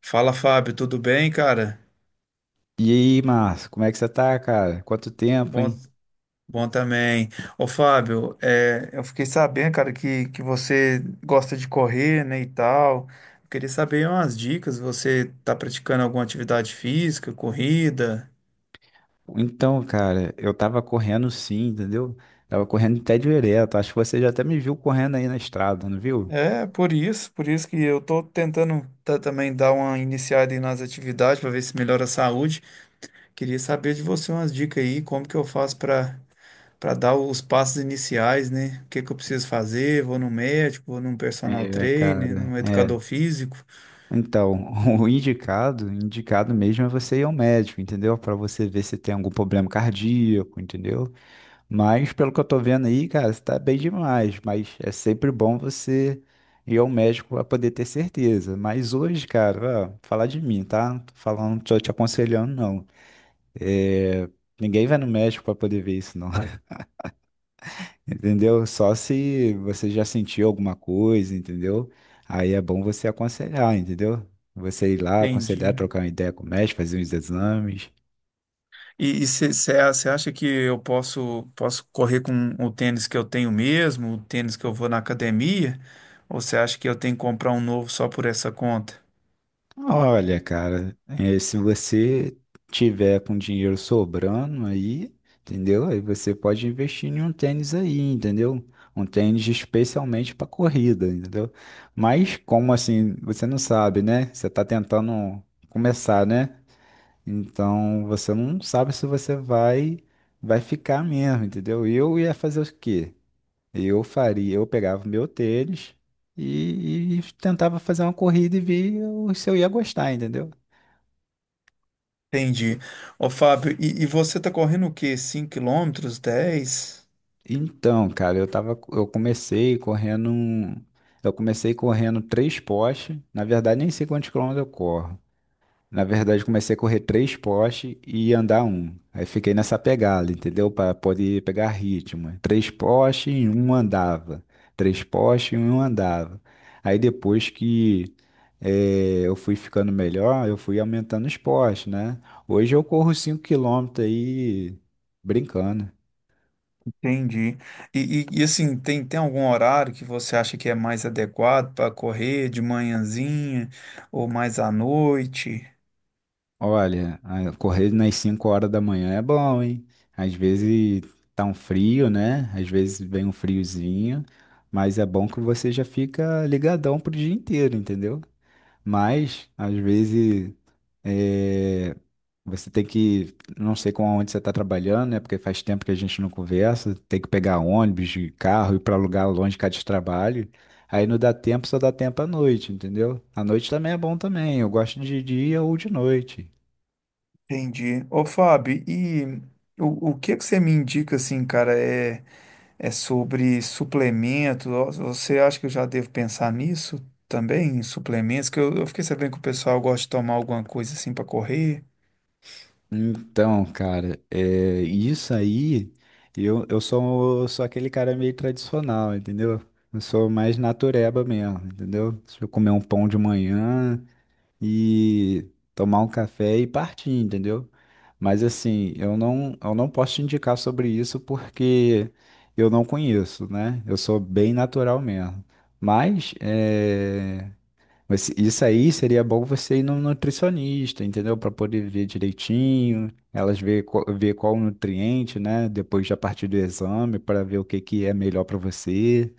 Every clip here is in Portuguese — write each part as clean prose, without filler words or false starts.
Fala, Fábio, tudo bem, cara? E aí, Márcio, como é que você tá, cara? Quanto tempo, Bom, hein? bom também. Ô, Fábio, eu fiquei sabendo, cara, que você gosta de correr, né, e tal. Eu queria saber umas dicas. Você tá praticando alguma atividade física, corrida? Então, cara, eu tava correndo sim, entendeu? Tava correndo até direto. Acho que você já até me viu correndo aí na estrada, não viu? É, por isso que eu tô tentando também dar uma iniciada aí nas atividades para ver se melhora a saúde. Queria saber de você umas dicas aí, como que eu faço para dar os passos iniciais, né? O que que eu preciso fazer? Vou no médico, vou num personal É, trainer, cara, num é. educador físico. Então, o indicado, indicado mesmo é você ir ao médico, entendeu? Pra você ver se tem algum problema cardíaco, entendeu? Mas pelo que eu tô vendo aí, cara, você tá bem demais. Mas é sempre bom você ir ao médico pra poder ter certeza. Mas hoje, cara, ó, falar de mim, tá? Não tô falando, tô te aconselhando, não. É, ninguém vai no médico pra poder ver isso, não. Entendeu? Só se você já sentiu alguma coisa, entendeu? Aí é bom você aconselhar, entendeu? Você ir lá, aconselhar, Entendi. trocar uma ideia com o médico, fazer uns exames. E você acha que eu posso correr com o tênis que eu tenho mesmo, o tênis que eu vou na academia? Ou você acha que eu tenho que comprar um novo só por essa conta? Olha, cara, se você tiver com dinheiro sobrando aí, entendeu? Aí você pode investir em um tênis aí, entendeu? Um tênis especialmente para corrida, entendeu? Mas como assim, você não sabe, né? Você tá tentando começar, né? Então você não sabe se você vai ficar mesmo, entendeu? Eu ia fazer o quê? Eu faria, eu pegava meu tênis e tentava fazer uma corrida e ver se eu ia gostar, entendeu? Entendi. Ô, Fábio, e você tá correndo o quê? 5 quilômetros, 10? Então, cara, eu tava, eu comecei correndo três postes. Na verdade, nem sei quantos quilômetros eu corro. Na verdade, comecei a correr três postes e andar um. Aí fiquei nessa pegada, entendeu? Para poder pegar ritmo. Três postes e um andava. Três postes e um andava. Aí depois que eu fui ficando melhor, eu fui aumentando os postes, né? Hoje eu corro 5 km aí brincando. Entendi. Assim, tem algum horário que você acha que é mais adequado para correr de manhãzinha ou mais à noite? Olha, correr nas 5 horas da manhã é bom, hein? Às vezes tá um frio, né? Às vezes vem um friozinho, mas é bom que você já fica ligadão pro dia inteiro, entendeu? Mas, às vezes, é, você tem que, não sei com onde você tá trabalhando, né? Porque faz tempo que a gente não conversa, tem que pegar ônibus, de carro, ir pra lugar longe cá de trabalho. Aí não dá tempo, só dá tempo à noite, entendeu? À noite também é bom também. Eu gosto de dia ou de noite. Entendi. Ô, Fábio, o que que você me indica assim, cara, é sobre suplemento? Ó, você acha que eu já devo pensar nisso também, em suplementos? Que eu fiquei sabendo que o pessoal gosta de tomar alguma coisa assim para correr. Então, cara, isso aí, eu sou aquele cara meio tradicional, entendeu? Eu sou mais natureba mesmo, entendeu? Se eu comer um pão de manhã e tomar um café e partir, entendeu? Mas assim, eu não posso te indicar sobre isso porque eu não conheço, né? Eu sou bem natural mesmo. Mas é, mas isso aí seria bom você ir no nutricionista, entendeu? Para poder ver direitinho, elas ver qual o nutriente, né? Depois já partir do exame para ver o que que é melhor para você,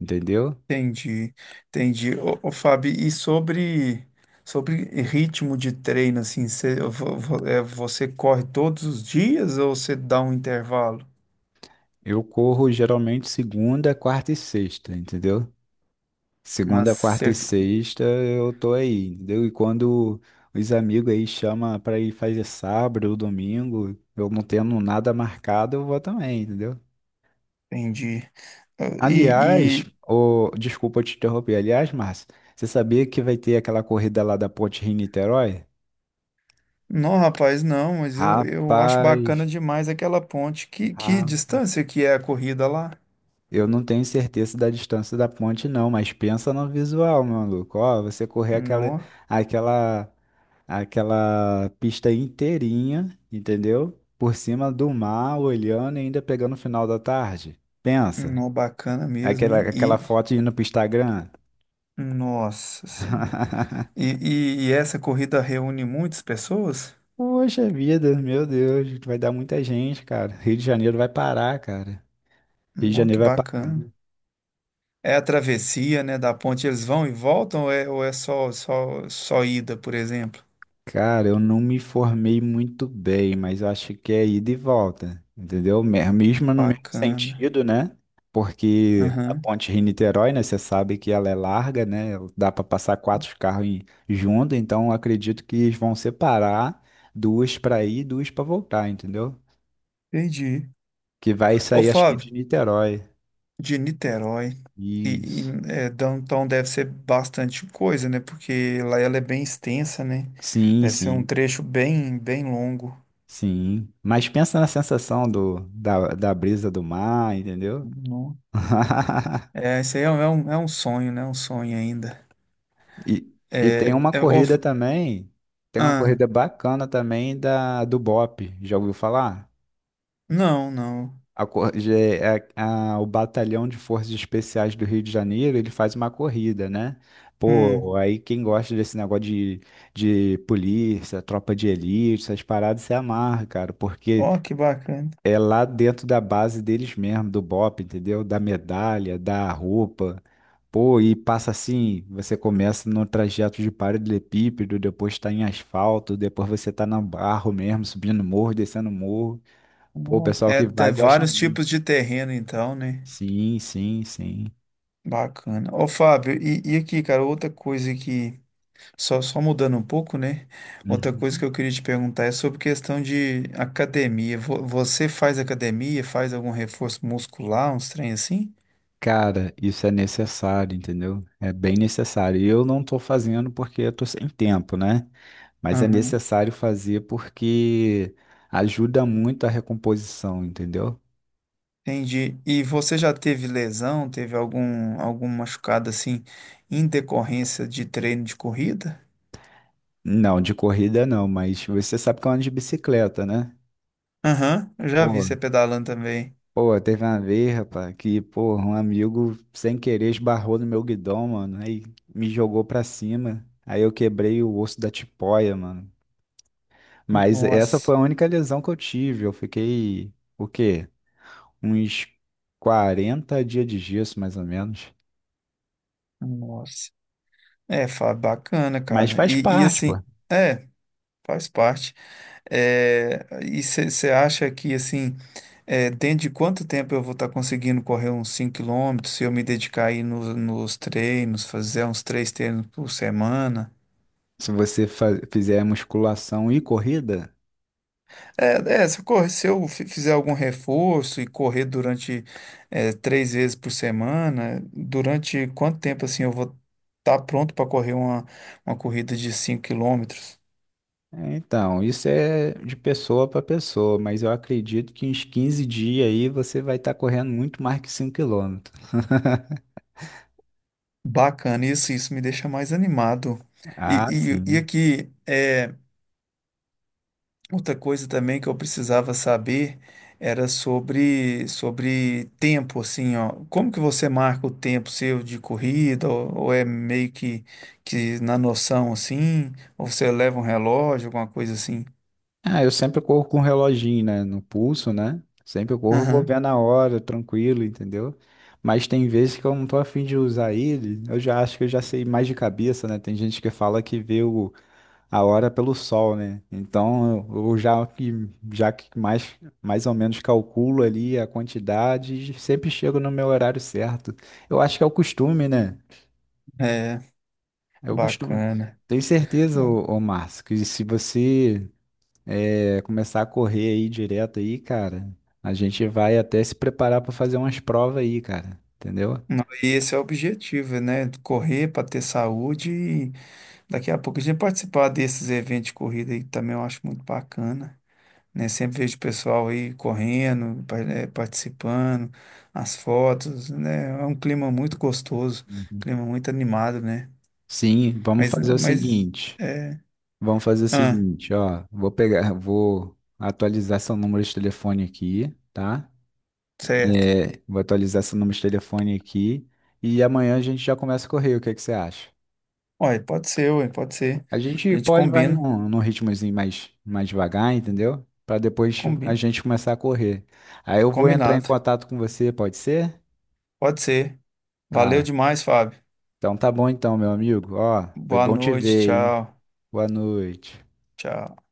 entendeu? Entendi, entendi. Ô, Fábio, sobre ritmo de treino, assim, você corre todos os dias ou você dá um intervalo? Eu corro geralmente segunda, quarta e sexta, entendeu? Mas, Segunda, quarta e cê- sexta eu tô aí, entendeu? E quando os amigos aí chamam para ir fazer sábado ou domingo, eu não tendo nada marcado, eu vou também, entendeu? entendi. Ah, E, Aliás, e- desculpa te interromper. Aliás, Márcio, você sabia que vai ter aquela corrida lá da Ponte Rio-Niterói? não, rapaz, não, mas eu acho bacana Rapaz, demais aquela ponte. Que ah, distância que é a corrida lá? eu não tenho certeza da distância da ponte, não, mas pensa no visual, meu maluco. Ó, você correr Nó, aquela, aquela pista inteirinha, entendeu? Por cima do mar, olhando e ainda pegando o final da tarde. Pensa, nó, bacana mesmo, aquela, hein? aquela foto indo pro Instagram. Nossa senhora. E, e essa corrida reúne muitas pessoas? Poxa vida, meu Deus, vai dar muita gente, cara. Rio de Janeiro vai parar, cara. Rio de Nó, Janeiro que vai parar. bacana. É a travessia, né, da ponte, eles vão e voltam ou é só ida, por exemplo? Cara, eu não me formei muito bem, mas eu acho que é ida e volta, entendeu? Mesmo no mesmo Bacana. sentido, né? Porque a Aham, ponte Rio-Niterói, né? Você sabe que ela é larga, né? Dá para passar quatro carros junto, então eu acredito que eles vão separar duas para ir e duas para voltar, entendeu? entendi. Que vai Ô, sair, acho que Fábio, de Niterói. de Niterói, e Isso. Downtown deve ser bastante coisa, né, porque lá ela é bem extensa, né, Sim, deve ser um sim. trecho bem longo. Sim, mas pensa na sensação da brisa do mar, entendeu? Não. É, isso aí é um sonho, né, um sonho ainda. E, e tem uma Ô, corrida também, tem uma ah, corrida bacana também da, do BOP, já ouviu falar? não, não. A, cor- je- é- é, a- o Batalhão de Forças Especiais do Rio de Janeiro, ele faz uma corrida, né? Pô, Hum, aí quem gosta desse negócio de polícia, tropa de elite, essas paradas se amarra, cara, porque ó, que bacana. é lá dentro da base deles mesmo, do BOPE, entendeu? Da medalha, da roupa. Pô, e passa assim, você começa no trajeto de paralelepípedo, depois tá em asfalto, depois você tá na barro mesmo, subindo morro, descendo morro. Pô, o pessoal É, que vai tem gosta vários muito. tipos de terreno, então, né? Sim, sim, sim. Bacana. Ô, Fábio, e aqui, cara, outra coisa que, só mudando um pouco, né? Outra coisa que Uhum. eu queria te perguntar é sobre questão de academia. Você faz academia, faz algum reforço muscular, uns trem assim? Cara, isso é necessário, entendeu? É bem necessário. E eu não tô fazendo porque eu tô sem tempo, né? Mas é Aham. necessário fazer porque ajuda muito a recomposição, entendeu? Entendi. E você já teve lesão, teve algum machucado assim, em decorrência de treino de corrida? Não, de corrida não, mas você sabe que eu ando de bicicleta, né? Aham, eu já vi Pô, você pedalando também. Teve uma vez, rapaz, que, pô, um amigo sem querer esbarrou no meu guidão, mano, aí me jogou pra cima, aí eu quebrei o osso da tipoia, mano. Mas essa foi Nossa, a única lesão que eu tive, eu fiquei, o quê? Uns 40 dias de gesso, mais ou menos. nossa. Bacana, Mas cara. faz parte, pô. É, faz parte. É, e você acha que, assim, dentro de quanto tempo eu vou estar conseguindo correr uns 5 quilômetros se eu me dedicar aí nos treinos, fazer uns 3 treinos por semana? Se você fizer musculação e corrida, Se eu fizer algum reforço e correr durante, 3 vezes por semana, durante quanto tempo, assim, eu vou estar pronto para correr uma corrida de 5 quilômetros? Então, isso é de pessoa para pessoa, mas eu acredito que uns 15 dias aí você vai estar correndo muito mais que 5 km. Bacana, isso me deixa mais animado. E, Ah, e sim. aqui, outra coisa também que eu precisava saber era sobre tempo, assim, ó. Como que você marca o tempo seu de corrida, ou é meio que na noção, assim, ou você leva um relógio, alguma coisa assim? Ah, eu sempre corro com um reloginho, né, no pulso, né? Sempre eu corro, vou Aham, ver na hora, tranquilo, entendeu? Mas tem vezes que eu não tô afim de usar ele, eu já acho que eu já sei mais de cabeça, né? Tem gente que fala que vê o a hora é pelo sol, né? Então, eu já que mais ou menos calculo ali a quantidade, e sempre chego no meu horário certo. Eu acho que é o costume, né? é, É o costume. bacana. Tenho certeza, Ba- ô Márcio, que se você começar a correr aí direto aí, cara, a gente vai até se preparar para fazer umas provas aí, cara, entendeu? Não, e esse é o objetivo, né? Correr para ter saúde. Daqui a pouco a gente participar desses eventos de corrida aí que também eu acho muito bacana, né? Sempre vejo o pessoal aí correndo, participando, as fotos, né? É um clima muito gostoso, Uhum. clima muito animado, né? Sim, vamos Mas, fazer o mas, seguinte. é... Vamos fazer o Ah, seguinte, ó. Vou pegar, vou atualizar seu número de telefone aqui, tá? certo. É, vou atualizar seu número de telefone aqui e amanhã a gente já começa a correr. O que é que você acha? Olha, pode ser, ué, pode ser. A A gente gente pode vai num ritmozinho mais devagar, entendeu? Pra depois a combina, gente começar a correr. Aí eu vou entrar em combinado. contato com você, pode ser? Pode ser. Valeu Ah, demais, Fábio. então tá bom então, meu amigo. Ó, foi Boa bom te noite, ver, hein? tchau, Boa noite. tchau.